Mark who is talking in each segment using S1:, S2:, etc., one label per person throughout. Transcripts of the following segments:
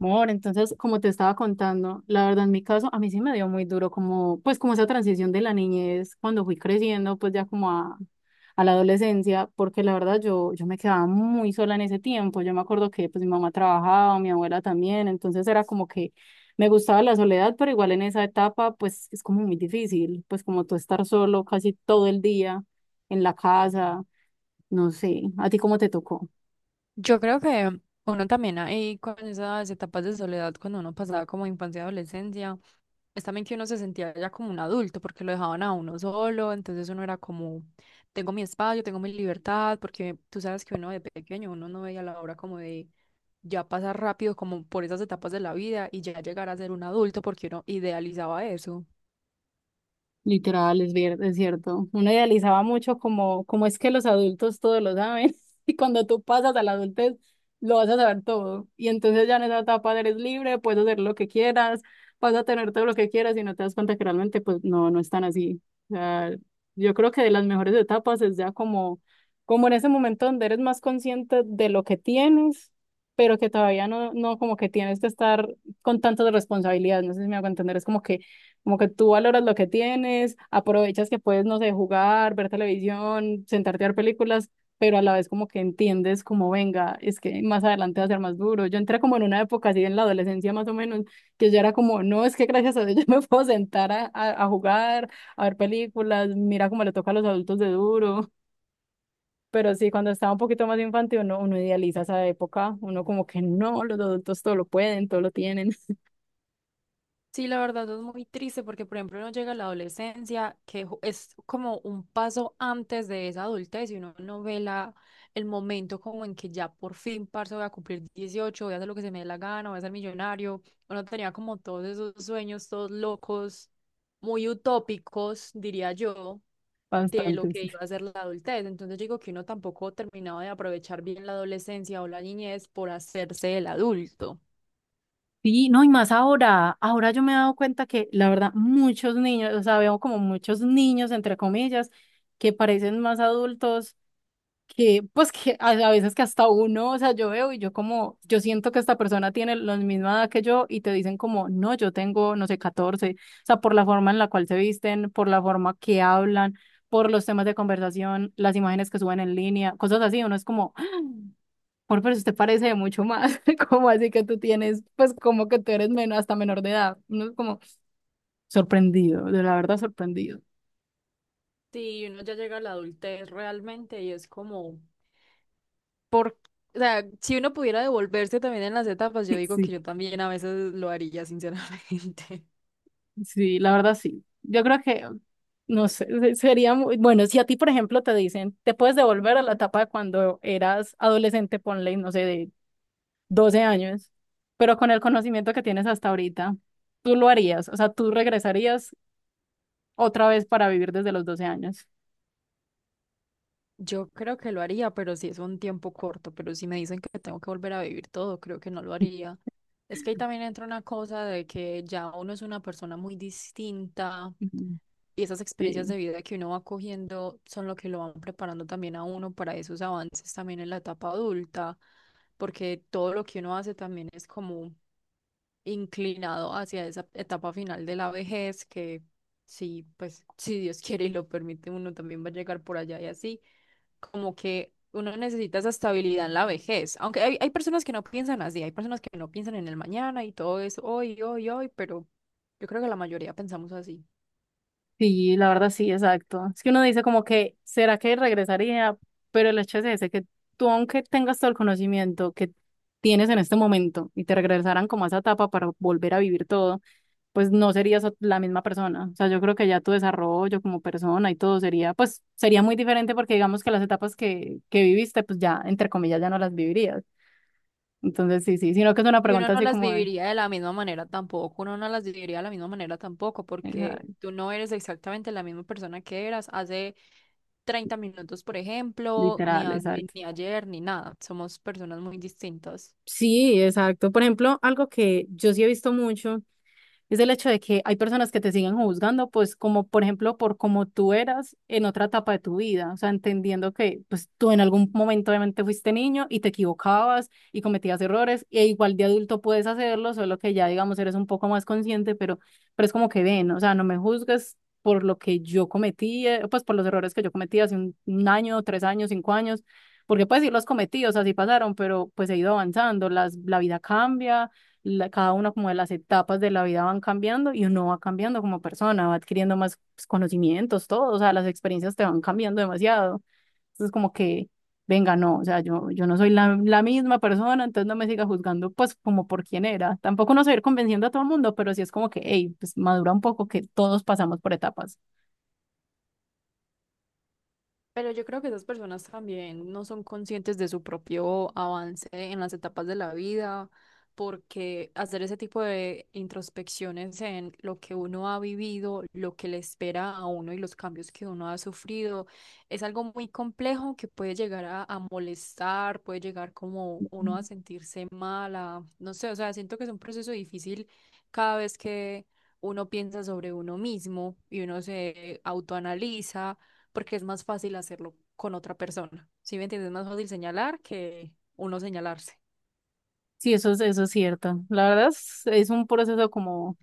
S1: Amor, entonces, como te estaba contando, la verdad en mi caso, a mí sí me dio muy duro como, pues como esa transición de la niñez cuando fui creciendo, pues ya como a la adolescencia, porque la verdad yo me quedaba muy sola en ese tiempo, yo me acuerdo que pues mi mamá trabajaba, mi abuela también, entonces era como que me gustaba la soledad, pero igual en esa etapa pues es como muy difícil, pues como tú estar solo casi todo el día en la casa, no sé, ¿a ti cómo te tocó?
S2: Yo creo que uno también ahí con esas etapas de soledad, cuando uno pasaba como infancia y adolescencia, es también que uno se sentía ya como un adulto porque lo dejaban a uno solo, entonces uno era como, tengo mi espacio, tengo mi libertad, porque tú sabes que uno de pequeño, uno no veía la hora como de ya pasar rápido como por esas etapas de la vida y ya llegar a ser un adulto porque uno idealizaba eso.
S1: Literal, es cierto. Uno idealizaba mucho como es que los adultos todo lo saben y cuando tú pasas a la adultez lo vas a saber todo. Y entonces ya en esa etapa eres libre, puedes hacer lo que quieras, vas a tener todo lo que quieras y no te das cuenta que realmente pues no, no es tan así. O sea, yo creo que de las mejores etapas es ya como, como en ese momento donde eres más consciente de lo que tienes, pero que todavía no como que tienes que estar con tantas responsabilidades. No sé si me hago entender, es como que tú valoras lo que tienes, aprovechas que puedes, no sé, jugar, ver televisión, sentarte a ver películas, pero a la vez como que entiendes como venga, es que más adelante va a ser más duro. Yo entré como en una época así en la adolescencia más o menos, que yo era como, no, es que gracias a Dios yo me puedo sentar a, a jugar, a ver películas, mira cómo le toca a los adultos de duro. Pero sí, cuando estaba un poquito más infantil, uno idealiza esa época, uno como que no, los adultos todo lo pueden, todo lo tienen.
S2: Sí, la verdad es muy triste porque, por ejemplo, uno llega a la adolescencia, que es como un paso antes de esa adultez y uno no ve la, el momento como en que ya por fin, parce, voy a cumplir 18, voy a hacer lo que se me dé la gana, voy a ser millonario. Uno tenía como todos esos sueños, todos locos, muy utópicos, diría yo, de lo
S1: Bastante.
S2: que
S1: Sí.
S2: iba a ser la adultez. Entonces digo que uno tampoco terminaba de aprovechar bien la adolescencia o la niñez por hacerse el adulto.
S1: Sí, no, y más ahora, ahora yo me he dado cuenta que la verdad muchos niños, o sea, veo como muchos niños, entre comillas, que parecen más adultos, que pues que a veces que hasta uno, o sea, yo veo y yo como, yo siento que esta persona tiene la misma edad que yo y te dicen como, no, yo tengo, no sé, 14, o sea, por la forma en la cual se visten, por la forma que hablan, por los temas de conversación, las imágenes que suben en línea, cosas así, uno es como... Por pero usted parece de mucho más. ¿Cómo así que tú tienes, pues como que tú eres menos, hasta menor de edad? Uno es como sorprendido, de la verdad sorprendido.
S2: Sí, uno ya llega a la adultez realmente y es como, por, o sea, si uno pudiera devolverse también en las etapas, yo digo que
S1: Sí.
S2: yo también a veces lo haría, sinceramente.
S1: Sí, la verdad sí. Yo creo que, no sé, sería muy, bueno, si a ti, por ejemplo, te dicen, te puedes devolver a la etapa de cuando eras adolescente, ponle, no sé, de 12 años, pero con el conocimiento que tienes hasta ahorita, tú lo harías, o sea, tú regresarías otra vez para vivir desde los 12 años.
S2: Yo creo que lo haría, pero si es un tiempo corto, pero si me dicen que tengo que volver a vivir todo, creo que no lo haría. Es que ahí también entra una cosa de que ya uno es una persona muy distinta y esas experiencias
S1: Sí.
S2: de vida que uno va cogiendo son lo que lo van preparando también a uno para esos avances también en la etapa adulta, porque todo lo que uno hace también es como inclinado hacia esa etapa final de la vejez, que sí, pues si Dios quiere y lo permite, uno también va a llegar por allá y así, como que uno necesita esa estabilidad en la vejez, aunque hay personas que no piensan así, hay personas que no piensan en el mañana y todo es hoy, hoy, hoy, pero yo creo que la mayoría pensamos así.
S1: Sí, la verdad sí, exacto. Es que uno dice como que, ¿será que regresaría? Pero el hecho es ese, que tú aunque tengas todo el conocimiento que tienes en este momento y te regresaran como a esa etapa para volver a vivir todo, pues no serías la misma persona. O sea, yo creo que ya tu desarrollo como persona y todo sería, pues sería muy diferente porque digamos que las etapas que viviste, pues ya, entre comillas, ya no las vivirías. Entonces sí, sí, sino que es una
S2: Y uno
S1: pregunta
S2: no
S1: así
S2: las
S1: como de,
S2: viviría de la misma manera tampoco, uno no las viviría de la misma manera tampoco,
S1: esa-
S2: porque tú no eres exactamente la misma persona que eras hace 30 minutos, por ejemplo, ni
S1: literal, exacto.
S2: ni ayer, ni nada. Somos personas muy distintas.
S1: Sí, exacto. Por ejemplo, algo que yo sí he visto mucho es el hecho de que hay personas que te siguen juzgando, pues como por ejemplo por cómo tú eras en otra etapa de tu vida, o sea, entendiendo que pues tú en algún momento obviamente fuiste niño y te equivocabas y cometías errores, e igual de adulto puedes hacerlo, solo que ya digamos eres un poco más consciente, pero es como que ven, o sea, no me juzgues por lo que yo cometí, pues por los errores que yo cometí hace un año, 3 años, 5 años, porque pues sí los cometí, o sea, sí pasaron, pero pues he ido avanzando, la vida cambia cada una como de las etapas de la vida van cambiando y uno va cambiando como persona, va adquiriendo más pues, conocimientos, todo, o sea, las experiencias te van cambiando demasiado. Entonces, como que, venga, no, o sea, yo no soy la misma persona, entonces no me siga juzgando, pues, como por quién era. Tampoco no soy ir convenciendo a todo el mundo, pero sí es como que, hey, pues madura un poco que todos pasamos por etapas.
S2: Pero yo creo que esas personas también no son conscientes de su propio avance en las etapas de la vida, porque hacer ese tipo de introspecciones en lo que uno ha vivido, lo que le espera a uno y los cambios que uno ha sufrido, es algo muy complejo que puede llegar a molestar, puede llegar como uno a sentirse mala, no sé, o sea, siento que es un proceso difícil cada vez que uno piensa sobre uno mismo y uno se autoanaliza porque es más fácil hacerlo con otra persona. ¿Sí me entiendes? Es más fácil señalar que uno señalarse.
S1: Sí, eso es cierto. La verdad es un proceso como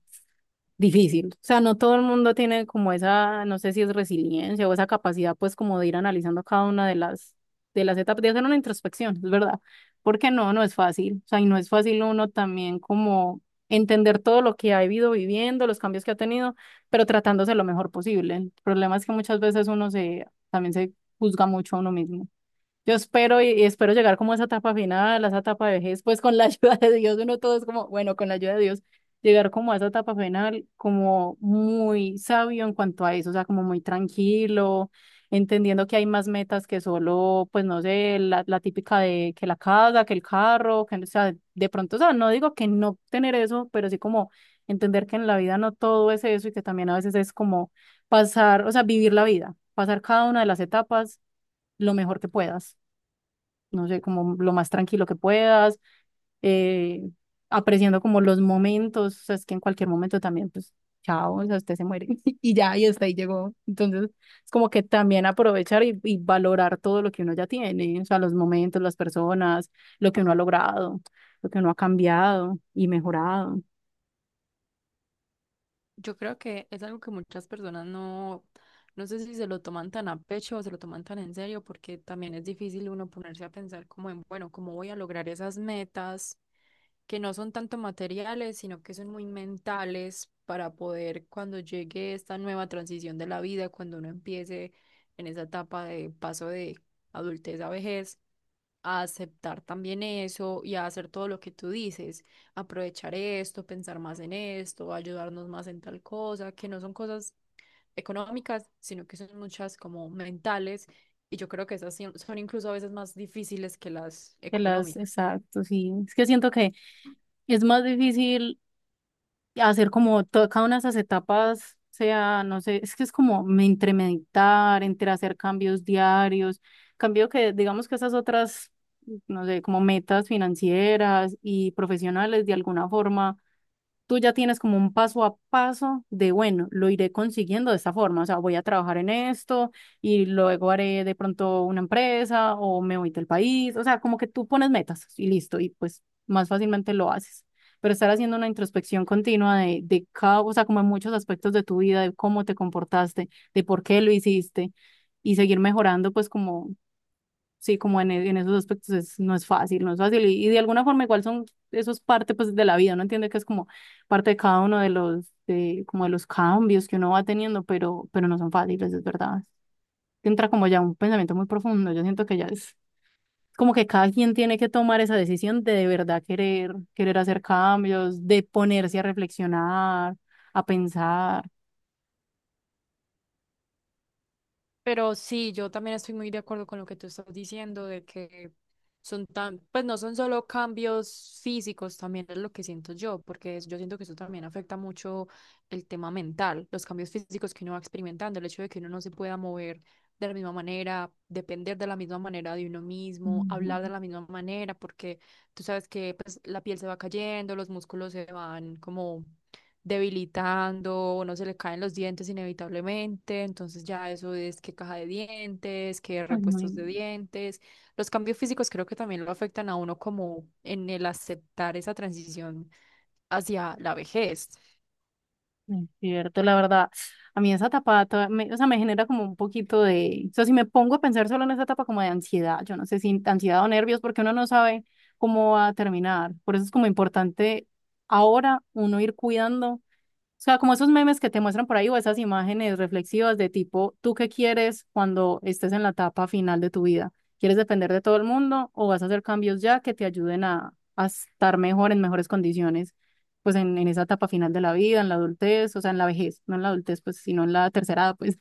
S1: difícil. O sea, no todo el mundo tiene como esa, no sé si es resiliencia o esa capacidad, pues, como de ir analizando cada una de las etapas, de hacer una introspección, es verdad. Porque no, no es fácil. O sea, y no es fácil uno también como entender todo lo que ha ido viviendo, los cambios que ha tenido, pero tratándose lo mejor posible. El problema es que muchas veces también se juzga mucho a uno mismo. Yo espero y espero llegar como a esa etapa final, a esa etapa de vejez, pues con la ayuda de Dios, uno todo es como, bueno, con la ayuda de Dios, llegar como a esa etapa final como muy sabio en cuanto a eso, o sea, como muy tranquilo, entendiendo que hay más metas que solo, pues no sé, la típica de que la casa, que el carro, que, o sea, de pronto, o sea, no digo que no tener eso, pero sí como entender que en la vida no todo es eso y que también a veces es como pasar, o sea, vivir la vida, pasar cada una de las etapas lo mejor que puedas, no sé, como lo más tranquilo que puedas, eh, apreciando como los momentos, o sea, es que en cualquier momento también, pues, chao, o sea, usted se muere y ya, y hasta ahí llegó. Entonces, es como que también aprovechar y valorar todo lo que uno ya tiene, o sea, los momentos, las personas, lo que uno ha logrado, lo que uno ha cambiado y mejorado.
S2: Yo creo que es algo que muchas personas no sé si se lo toman tan a pecho o se lo toman tan en serio, porque también es difícil uno ponerse a pensar como en, bueno, ¿cómo voy a lograr esas metas que no son tanto materiales, sino que son muy mentales para poder cuando llegue esta nueva transición de la vida, cuando uno empiece en esa etapa de paso de adultez a vejez? A aceptar también eso y a hacer todo lo que tú dices, aprovechar esto, pensar más en esto, ayudarnos más en tal cosa, que no son cosas económicas, sino que son muchas como mentales, y yo creo que esas sí son incluso a veces más difíciles que las
S1: Que las,
S2: económicas.
S1: exacto, sí. Es que siento que es más difícil hacer como cada una de esas etapas sea, no sé, es que es como entre meditar, entre hacer cambios diarios, cambio que digamos que esas otras, no sé, como metas financieras y profesionales de alguna forma tú ya tienes como un paso a paso de, bueno, lo iré consiguiendo de esta forma, o sea, voy a trabajar en esto y luego haré de pronto una empresa o me voy del país, o sea, como que tú pones metas y listo, y pues más fácilmente lo haces. Pero estar haciendo una introspección continua de cada, o sea, como en muchos aspectos de tu vida, de cómo te comportaste, de por qué lo hiciste y seguir mejorando, pues como sí, como en, en esos aspectos es, no es fácil, no es fácil. Y de alguna forma igual son, eso es parte pues de la vida, uno entiende que es como parte de cada uno de los, de, como de los cambios que uno va teniendo, pero no son fáciles, es verdad. Entra como ya un pensamiento muy profundo, yo siento que ya es como que cada quien tiene que tomar esa decisión de verdad querer, querer hacer cambios, de ponerse a reflexionar, a pensar.
S2: Pero sí, yo también estoy muy de acuerdo con lo que tú estás diciendo, de que son tan, pues no son solo cambios físicos, también es lo que siento yo, porque yo siento que eso también afecta mucho el tema mental, los cambios físicos que uno va experimentando, el hecho de que uno no se pueda mover de la misma manera, depender de la misma manera de uno mismo,
S1: Ujú.
S2: hablar de la misma manera, porque tú sabes que pues, la piel se va cayendo, los músculos se van como debilitando, o no se le caen los dientes inevitablemente, entonces ya eso es que caja de dientes, que
S1: Ay,
S2: repuestos de
S1: muy
S2: dientes. Los cambios físicos creo que también lo afectan a uno como en el aceptar esa transición hacia la vejez.
S1: es cierto, la verdad, a mí esa etapa, o sea, me genera como un poquito de, o sea, si me pongo a pensar solo en esa etapa como de ansiedad, yo no sé si ansiedad o nervios, porque uno no sabe cómo va a terminar. Por eso es como importante ahora uno ir cuidando. O sea, como esos memes que te muestran por ahí o esas imágenes reflexivas de tipo, ¿tú qué quieres cuando estés en la etapa final de tu vida? ¿Quieres depender de todo el mundo o vas a hacer cambios ya que te ayuden a, estar mejor, en mejores condiciones, pues en, esa etapa final de la vida, en la adultez, o sea, en la vejez, no en la adultez, pues, sino en la tercera edad, pues.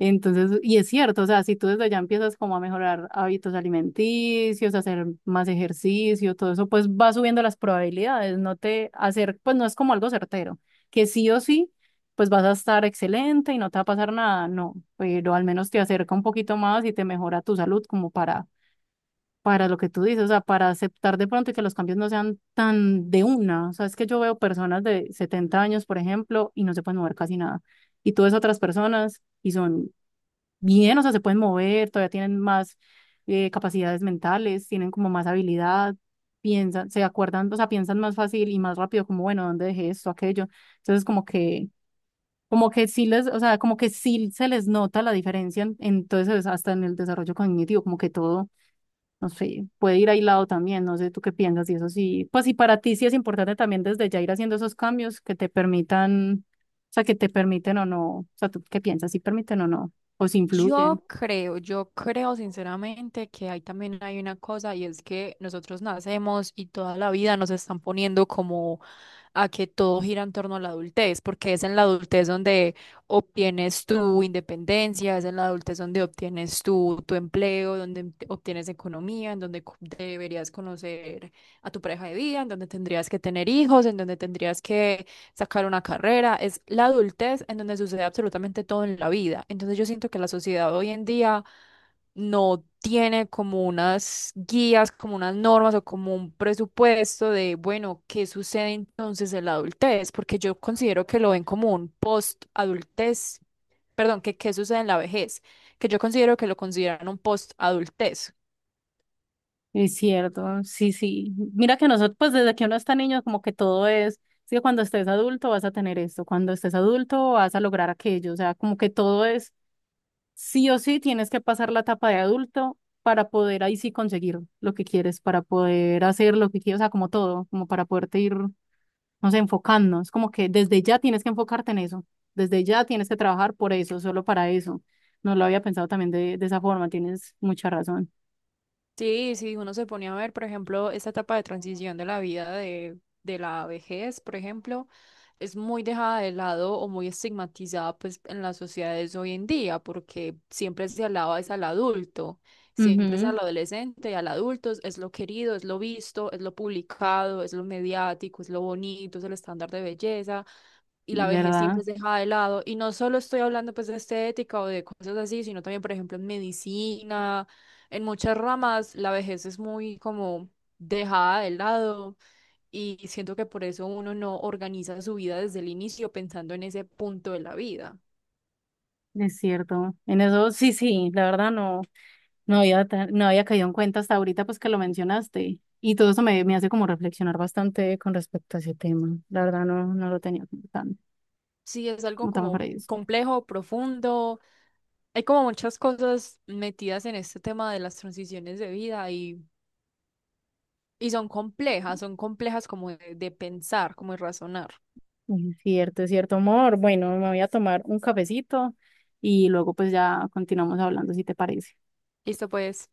S1: Entonces, y es cierto, o sea, si tú desde ya empiezas como a mejorar hábitos alimenticios, hacer más ejercicio, todo eso, pues va subiendo las probabilidades, no te hacer, pues no es como algo certero, que sí o sí, pues vas a estar excelente y no te va a pasar nada, no, pero al menos te acerca un poquito más y te mejora tu salud como para lo que tú dices, o sea, para aceptar de pronto y que los cambios no sean tan de una, o sea, es que yo veo personas de 70 años, por ejemplo, y no se pueden mover casi nada, y tú ves otras personas y son bien, o sea, se pueden mover, todavía tienen más, capacidades mentales, tienen como más habilidad, piensan, se acuerdan, o sea, piensan más fácil y más rápido, como, bueno, ¿dónde dejé esto, aquello? Entonces, como que sí les, o sea, como que sí se les nota la diferencia, entonces, hasta en el desarrollo cognitivo, como que todo, no sé, puede ir aislado también, no sé, tú qué piensas, y eso sí, pues, y para ti sí es importante también desde ya ir haciendo esos cambios que te permitan, o sea, que te permiten o no, o sea, ¿tú qué piensas? ¿Si permiten o no? ¿O si influyen?
S2: Yo creo sinceramente que ahí también hay una cosa y es que nosotros nacemos y toda la vida nos están poniendo como a que todo gira en torno a la adultez, porque es en la adultez donde obtienes tu independencia, es en la adultez donde obtienes tu, tu empleo, donde obtienes economía, en donde deberías conocer a tu pareja de vida, en donde tendrías que tener hijos, en donde tendrías que sacar una carrera, es la adultez en donde sucede absolutamente todo en la vida. Entonces yo siento que la sociedad hoy en día no tiene como unas guías, como unas normas o como un presupuesto de, bueno, ¿qué sucede entonces en la adultez? Porque yo considero que lo ven como un post-adultez, perdón, que qué sucede en la vejez, que yo considero que lo consideran un post-adultez.
S1: Es cierto, sí, sí. Mira que nosotros, pues desde que uno está niño, como que todo es, sí, cuando estés adulto vas a tener esto, cuando estés adulto vas a lograr aquello, o sea, como que todo es, sí o sí, tienes que pasar la etapa de adulto para poder ahí sí conseguir lo que quieres, para poder hacer lo que quieres, o sea, como todo, como para poderte ir, no sé, enfocando. Es como que desde ya tienes que enfocarte en eso, desde ya tienes que trabajar por eso, solo para eso. No lo había pensado también de esa forma, tienes mucha razón.
S2: Sí, sí, uno se pone a ver, por ejemplo, esta etapa de transición de la vida de la vejez, por ejemplo, es muy dejada de lado o muy estigmatizada pues en las sociedades hoy en día, porque siempre se alaba es al adulto, siempre es
S1: Ujú,
S2: al adolescente y al adulto es lo querido, es lo visto, es lo publicado, es lo mediático, es lo bonito, es el estándar de belleza, y la vejez siempre
S1: ¿verdad?
S2: es dejada de lado. Y no solo estoy hablando pues de estética o de cosas así, sino también, por ejemplo, en medicina, en muchas ramas, la vejez es muy como dejada de lado y siento que por eso uno no organiza su vida desde el inicio pensando en ese punto de la vida.
S1: Es cierto, en eso sí, sí, la verdad no, no había, no había caído en cuenta hasta ahorita pues que lo mencionaste y todo eso me hace como reflexionar bastante con respecto a ese tema, la verdad no, no lo tenía
S2: Sí, es algo
S1: como tan
S2: como
S1: fresco.
S2: complejo, profundo. Hay como muchas cosas metidas en este tema de las transiciones de vida y son complejas como de pensar, como de razonar.
S1: Es cierto, amor, bueno, me voy a tomar un cafecito y luego pues ya continuamos hablando si te parece.
S2: Listo, pues.